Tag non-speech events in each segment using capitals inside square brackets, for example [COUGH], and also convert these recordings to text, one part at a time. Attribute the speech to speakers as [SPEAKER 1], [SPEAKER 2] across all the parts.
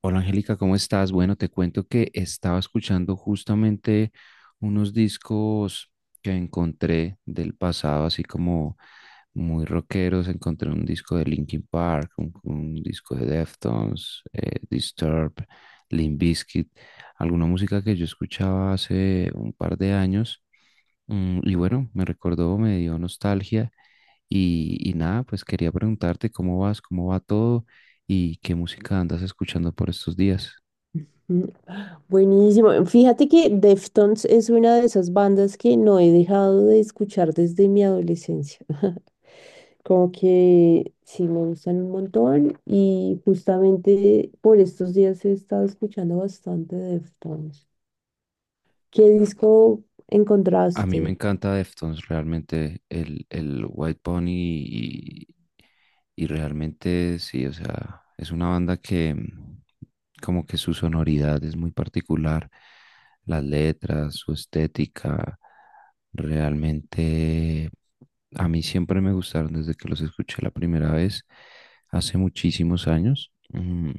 [SPEAKER 1] Hola Angélica, ¿cómo estás? Bueno, te cuento que estaba escuchando justamente unos discos que encontré del pasado, así como muy rockeros. Encontré un disco de Linkin Park, un disco de Deftones, Disturbed, Limp Bizkit, alguna música que yo escuchaba hace un par de años. Y bueno, me recordó, me dio nostalgia y nada, pues quería preguntarte cómo vas, cómo va todo y qué música andas escuchando por estos días.
[SPEAKER 2] Mm, Buenísimo. Fíjate que Deftones es una de esas bandas que no he dejado de escuchar desde mi adolescencia. [LAUGHS] Como que sí me gustan un montón y justamente por estos días he estado escuchando bastante Deftones. ¿Qué disco
[SPEAKER 1] A mí me
[SPEAKER 2] encontraste?
[SPEAKER 1] encanta Deftones, realmente el White Pony y realmente sí, o sea, es una banda que como que su sonoridad es muy particular, las letras, su estética, realmente a mí siempre me gustaron desde que los escuché la primera vez, hace muchísimos años. Mm,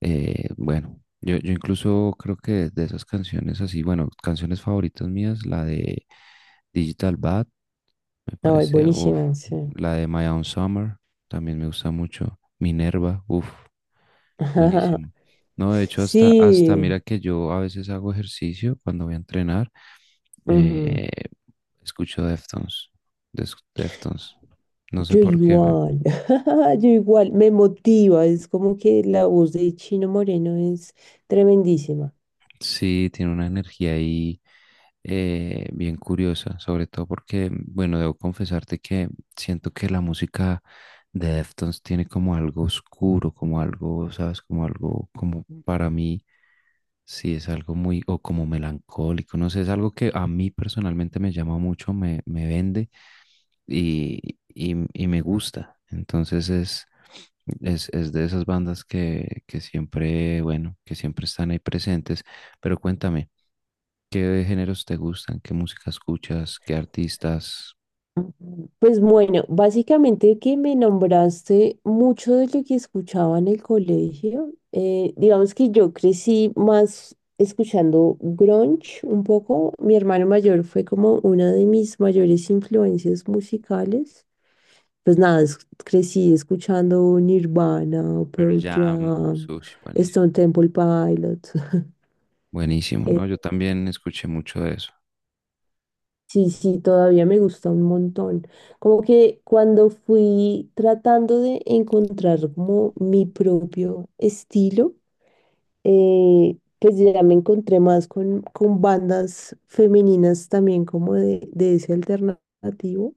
[SPEAKER 1] eh, Bueno, yo incluso creo que de esas canciones así, bueno, canciones favoritas mías, la de Digital Bad, me
[SPEAKER 2] Ay,
[SPEAKER 1] parece,
[SPEAKER 2] buenísima, sí.
[SPEAKER 1] la de My Own Summer, también me gusta mucho. Minerva, uff,
[SPEAKER 2] [LAUGHS]
[SPEAKER 1] buenísimo. No, de hecho,
[SPEAKER 2] Sí.
[SPEAKER 1] mira que yo a veces hago ejercicio cuando voy a entrenar,
[SPEAKER 2] Ujú.
[SPEAKER 1] eh, escucho Deftones, Deftones, no sé
[SPEAKER 2] Yo
[SPEAKER 1] por qué, me...
[SPEAKER 2] igual, [LAUGHS] yo igual, me motiva, es como que la voz de Chino Moreno es tremendísima.
[SPEAKER 1] Sí, tiene una energía ahí bien curiosa, sobre todo porque, bueno, debo confesarte que siento que la música de Deftones tiene como algo oscuro, como algo, ¿sabes? Como algo, como para mí, sí, es algo muy, o como melancólico, no sé, es algo que a mí personalmente me llama mucho, me vende y me gusta. Entonces es de esas bandas que siempre, bueno, que siempre están ahí presentes. Pero cuéntame, ¿qué géneros te gustan? ¿Qué música escuchas? ¿Qué artistas?
[SPEAKER 2] Ujú. Pues bueno, básicamente que me nombraste mucho de lo que escuchaba en el colegio. Digamos que yo crecí más escuchando grunge un poco. Mi hermano mayor fue como una de mis mayores influencias musicales. Pues nada, crecí escuchando Nirvana,
[SPEAKER 1] Pearl
[SPEAKER 2] Pearl
[SPEAKER 1] Jam,
[SPEAKER 2] Jam,
[SPEAKER 1] Sush, buenísimo.
[SPEAKER 2] Stone Temple Pilots. [LAUGHS]
[SPEAKER 1] Buenísimo,
[SPEAKER 2] Eh,
[SPEAKER 1] ¿no? Yo también escuché mucho de eso.
[SPEAKER 2] sí, sí, todavía me gusta un montón. Como que cuando fui tratando de encontrar como mi propio estilo, pues ya me encontré más con bandas femeninas también de ese alternativo.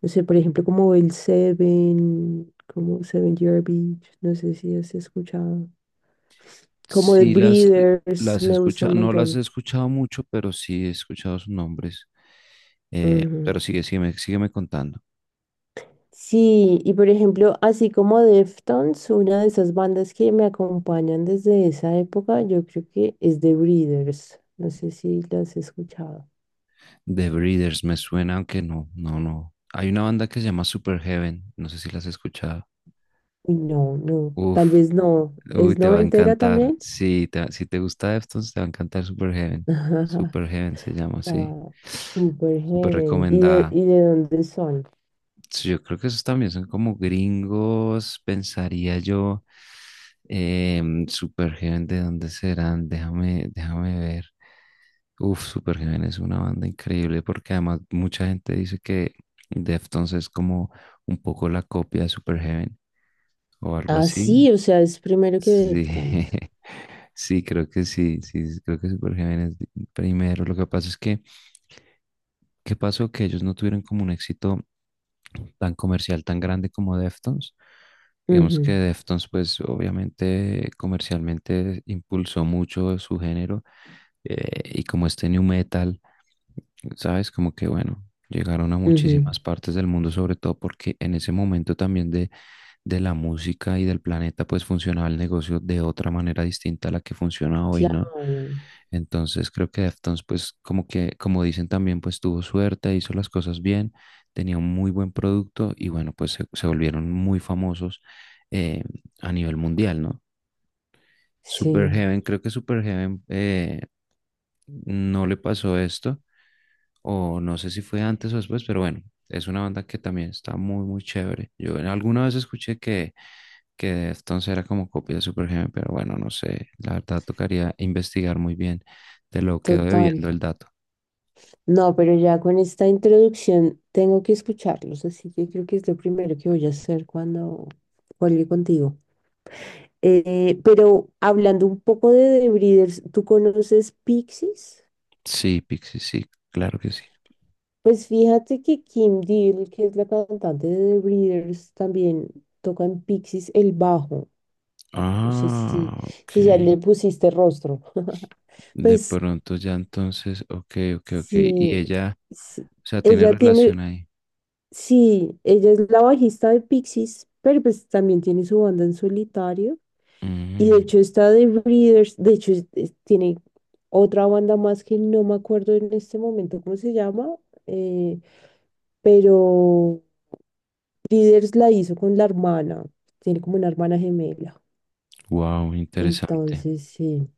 [SPEAKER 2] No sé, por ejemplo, como el Seven, como Seven Year Beach, no sé si has escuchado. Como de
[SPEAKER 1] Sí,
[SPEAKER 2] Breeders,
[SPEAKER 1] las he
[SPEAKER 2] me gusta un
[SPEAKER 1] escuchado, no las he
[SPEAKER 2] montón.
[SPEAKER 1] escuchado mucho, pero sí he escuchado sus nombres.
[SPEAKER 2] Ujú.
[SPEAKER 1] Pero sigue, sígueme contando.
[SPEAKER 2] Sí, y por ejemplo, así como Deftones, una de esas bandas que me acompañan desde esa época, yo creo que es The Breeders. No sé si las he escuchado.
[SPEAKER 1] The Breeders me suena, aunque no, no, no. Hay una banda que se llama Super Heaven, no sé si las has escuchado.
[SPEAKER 2] Uy, no, no, tal
[SPEAKER 1] Uf,
[SPEAKER 2] vez no.
[SPEAKER 1] uy,
[SPEAKER 2] ¿Es
[SPEAKER 1] te va a
[SPEAKER 2] noventera
[SPEAKER 1] encantar.
[SPEAKER 2] también?
[SPEAKER 1] Sí, si te gusta Deftones, te va a encantar Superheaven.
[SPEAKER 2] [LAUGHS]
[SPEAKER 1] Superheaven se llama, sí.
[SPEAKER 2] No, Super
[SPEAKER 1] Súper
[SPEAKER 2] Heaven. ¿Y
[SPEAKER 1] recomendada.
[SPEAKER 2] y de dónde son?
[SPEAKER 1] Sí, yo creo que esos también son como gringos, pensaría yo. Superheaven, ¿de dónde serán? Déjame ver. Uf, Superheaven es una banda increíble porque además mucha gente dice que Deftones es como un poco la copia de Superheaven o algo
[SPEAKER 2] Ah,
[SPEAKER 1] así.
[SPEAKER 2] sí, o sea, es primero que
[SPEAKER 1] Sí,
[SPEAKER 2] Deftones.
[SPEAKER 1] [LAUGHS] sí, creo que sí, sí, sí, creo que es Super Gémenes primero. Lo que pasa es que, ¿qué pasó? Que ellos no tuvieron como un éxito tan comercial, tan grande como Deftones. Digamos que
[SPEAKER 2] Ujú,
[SPEAKER 1] Deftones, pues obviamente comercialmente impulsó mucho su género, y como este new metal, ¿sabes? Como que bueno, llegaron a
[SPEAKER 2] ujú,
[SPEAKER 1] muchísimas partes del mundo, sobre todo porque en ese momento también de la música y del planeta, pues funcionaba el negocio de otra manera distinta a la que funciona hoy, ¿no?
[SPEAKER 2] claro,
[SPEAKER 1] Entonces creo que Deftones, pues como que, como dicen también, pues tuvo suerte, hizo las cosas bien, tenía un muy buen producto y bueno, pues se volvieron muy famosos, eh, a nivel mundial, ¿no?
[SPEAKER 2] sí,
[SPEAKER 1] Superheaven, creo que Superheaven no le pasó esto, o no sé si fue antes o después, pero bueno, es una banda que también está muy, muy chévere. Alguna vez escuché que Deftones era como copia de Supergenial, pero bueno, no sé, la verdad tocaría investigar muy bien. Te lo quedo debiendo
[SPEAKER 2] total.
[SPEAKER 1] el dato.
[SPEAKER 2] No, pero ya con esta introducción tengo que escucharlos, así que creo que es lo primero que voy a hacer cuando cuelgue contigo. Pero hablando un poco de The Breeders, ¿tú conoces Pixies?
[SPEAKER 1] Sí, Pixie, sí, claro que sí.
[SPEAKER 2] Pues fíjate que Kim Deal, que es la cantante de The Breeders, también toca en Pixies el bajo. No sé si,
[SPEAKER 1] Ah, ok.
[SPEAKER 2] si ya le pusiste rostro. [LAUGHS]
[SPEAKER 1] De
[SPEAKER 2] Pues
[SPEAKER 1] pronto ya entonces, ok, ok, ok. Y
[SPEAKER 2] sí,
[SPEAKER 1] ella,
[SPEAKER 2] sí.
[SPEAKER 1] o sea, tiene
[SPEAKER 2] Ella tiene.
[SPEAKER 1] relación ahí.
[SPEAKER 2] Sí, ella es la bajista de Pixies, pero pues también tiene su banda en solitario. Y de hecho está de Breeders, de hecho tiene otra banda más que no me acuerdo en este momento cómo se llama, eh, pero Breeders la hizo con la hermana, tiene como una hermana gemela.
[SPEAKER 1] Wow, interesante,
[SPEAKER 2] Entonces, sí,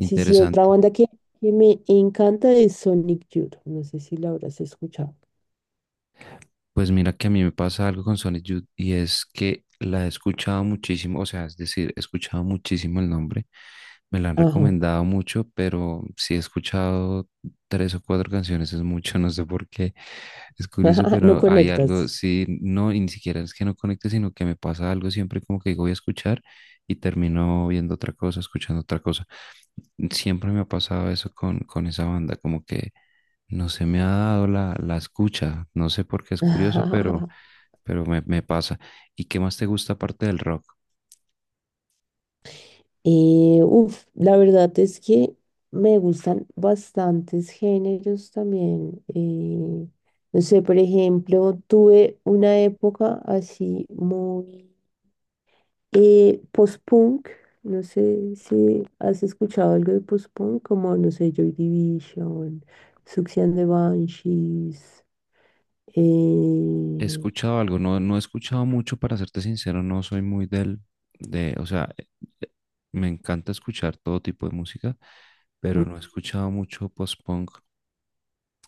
[SPEAKER 2] sí, sí, otra banda que me encanta es Sonic Youth, no sé si la habrás escuchado.
[SPEAKER 1] Pues mira que a mí me pasa algo con Sonic Youth y es que la he escuchado muchísimo, o sea, es decir, he escuchado muchísimo el nombre, me la han
[SPEAKER 2] Ajá,
[SPEAKER 1] recomendado mucho, pero si he escuchado tres o cuatro canciones es mucho, [LAUGHS] no sé por qué, es curioso,
[SPEAKER 2] [LAUGHS] no
[SPEAKER 1] pero hay algo,
[SPEAKER 2] conectas.
[SPEAKER 1] sí, no, y ni siquiera es que no conecte, sino que me pasa algo siempre como que digo voy a escuchar y termino viendo otra cosa, escuchando otra cosa. Siempre me ha pasado eso con esa banda, como que no se me ha dado la, la escucha, no sé por qué es curioso,
[SPEAKER 2] [LAUGHS]
[SPEAKER 1] pero me pasa. ¿Y qué más te gusta aparte del rock?
[SPEAKER 2] Uf, la verdad es que me gustan bastantes géneros también. No sé, por ejemplo, tuve una época así muy post-punk. No sé si has escuchado algo de post-punk, como, no sé, Joy Division, Sucks and the Banshees,
[SPEAKER 1] He
[SPEAKER 2] eh,
[SPEAKER 1] escuchado algo, no, no he escuchado mucho, para serte sincero, no soy muy del, de, o sea, eh, me encanta escuchar todo tipo de música,
[SPEAKER 2] mm,
[SPEAKER 1] pero no he escuchado mucho post-punk,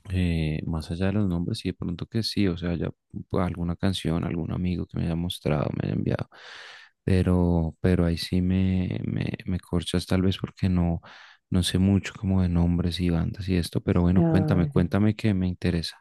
[SPEAKER 1] más allá de los nombres, sí, de pronto que sí, o sea, ya pues, alguna canción, algún amigo que me haya mostrado, me haya enviado, pero ahí sí me corchas tal vez porque no, no sé mucho como de nombres y bandas y esto, pero bueno, cuéntame,
[SPEAKER 2] claro.
[SPEAKER 1] cuéntame que me interesa.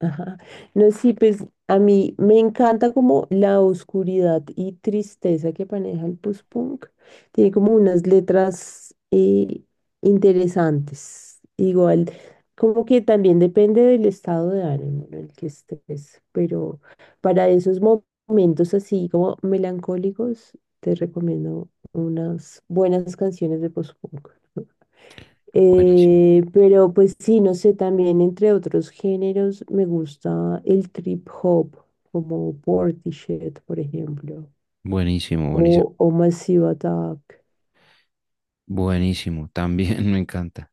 [SPEAKER 2] Ajá. No, sí, pues a mí me encanta como la oscuridad y tristeza que maneja el post-punk. Tiene como unas letras interesantes. Igual, como que también depende del estado de ánimo en el que estés, pero para esos momentos así como melancólicos, te recomiendo unas buenas canciones de post-punk.
[SPEAKER 1] Buenísimo,
[SPEAKER 2] Pero pues sí, no sé, también entre otros géneros me gusta el trip hop, como Portishead, por ejemplo,
[SPEAKER 1] buenísimo, buenísimo,
[SPEAKER 2] o Massive Attack.
[SPEAKER 1] buenísimo, también [LAUGHS] me encanta.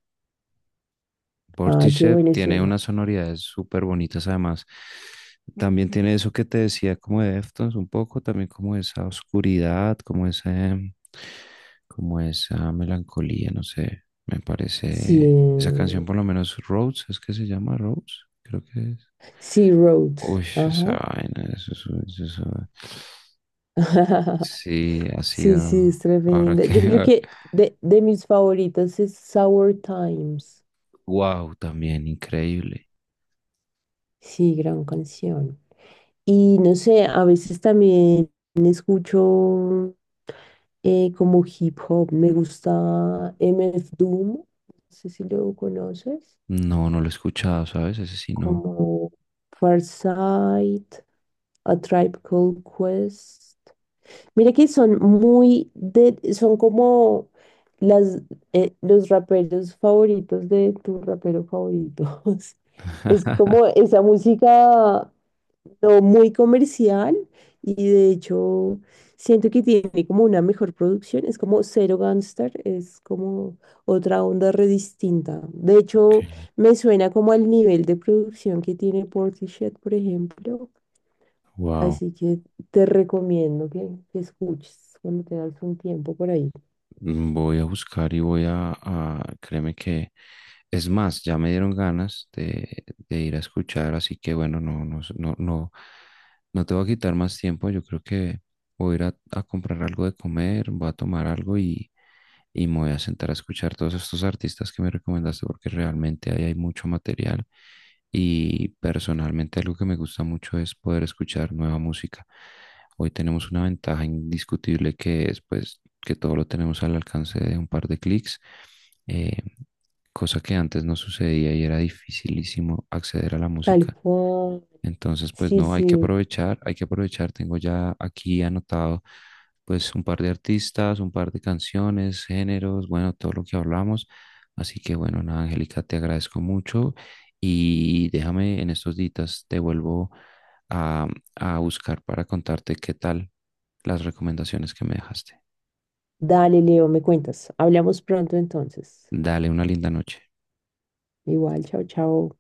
[SPEAKER 2] Ah, qué
[SPEAKER 1] Portishead
[SPEAKER 2] bueno
[SPEAKER 1] tiene
[SPEAKER 2] ese.
[SPEAKER 1] unas sonoridades súper bonitas además. También tiene eso que te decía como de Deftones un poco, también como esa oscuridad, como ese, como esa melancolía, no sé, me
[SPEAKER 2] Sí,
[SPEAKER 1] parece esa canción por lo menos Rose, es que se llama Rose, creo que es.
[SPEAKER 2] Sea Road.
[SPEAKER 1] Uy, esa
[SPEAKER 2] Ajá.
[SPEAKER 1] vaina, eso, eso, es un...
[SPEAKER 2] [LAUGHS]
[SPEAKER 1] sí, ha
[SPEAKER 2] Sí, sí, es
[SPEAKER 1] sido, ahora
[SPEAKER 2] tremenda.
[SPEAKER 1] que...
[SPEAKER 2] Yo creo que
[SPEAKER 1] [LAUGHS]
[SPEAKER 2] de mis favoritas es Sour Times.
[SPEAKER 1] wow, también increíble.
[SPEAKER 2] Sí, gran canción. Y no sé, a veces también escucho. Como hip hop. Me gusta MF Doom, no sé si lo conoces,
[SPEAKER 1] No, no lo he escuchado, ¿sabes? Ese sí no.
[SPEAKER 2] como Farsight, A Tribe Called Quest. Mira que son muy de, son como las, los raperos favoritos de tu rapero favorito. [LAUGHS] Es
[SPEAKER 1] [LAUGHS]
[SPEAKER 2] como esa música no muy comercial y de hecho siento que tiene como una mejor producción, es como Zero Gangster, es como otra onda re distinta. De hecho, me suena como al nivel de producción que tiene Portishead, por ejemplo,
[SPEAKER 1] Wow.
[SPEAKER 2] así que te recomiendo que escuches cuando te das un tiempo por ahí.
[SPEAKER 1] Voy a buscar y voy créeme que, es más, ya me dieron ganas de ir a escuchar, así que bueno, no, no, no, no, no te voy a quitar más tiempo, yo creo que voy a ir a comprar algo de comer, voy a tomar algo y me voy a sentar a escuchar todos estos artistas que me recomendaste, porque realmente ahí hay mucho material y personalmente algo que me gusta mucho es poder escuchar nueva música. Hoy tenemos una ventaja indiscutible que es pues que todo lo tenemos al alcance de un par de clics, eh, cosa que antes no sucedía y era dificilísimo acceder a la
[SPEAKER 2] Tal
[SPEAKER 1] música.
[SPEAKER 2] cual.
[SPEAKER 1] Entonces, pues
[SPEAKER 2] Sí,
[SPEAKER 1] no, hay que
[SPEAKER 2] sí.
[SPEAKER 1] aprovechar, hay que aprovechar. Tengo ya aquí anotado pues un par de artistas, un par de canciones, géneros, bueno, todo lo que hablamos. Así que bueno, nada, Angélica, te agradezco mucho y déjame en estos días, te vuelvo a, a buscar para contarte qué tal las recomendaciones que me dejaste.
[SPEAKER 2] Dale, Leo, me cuentas. Hablamos pronto entonces.
[SPEAKER 1] Dale una linda noche.
[SPEAKER 2] Igual, chao, chao.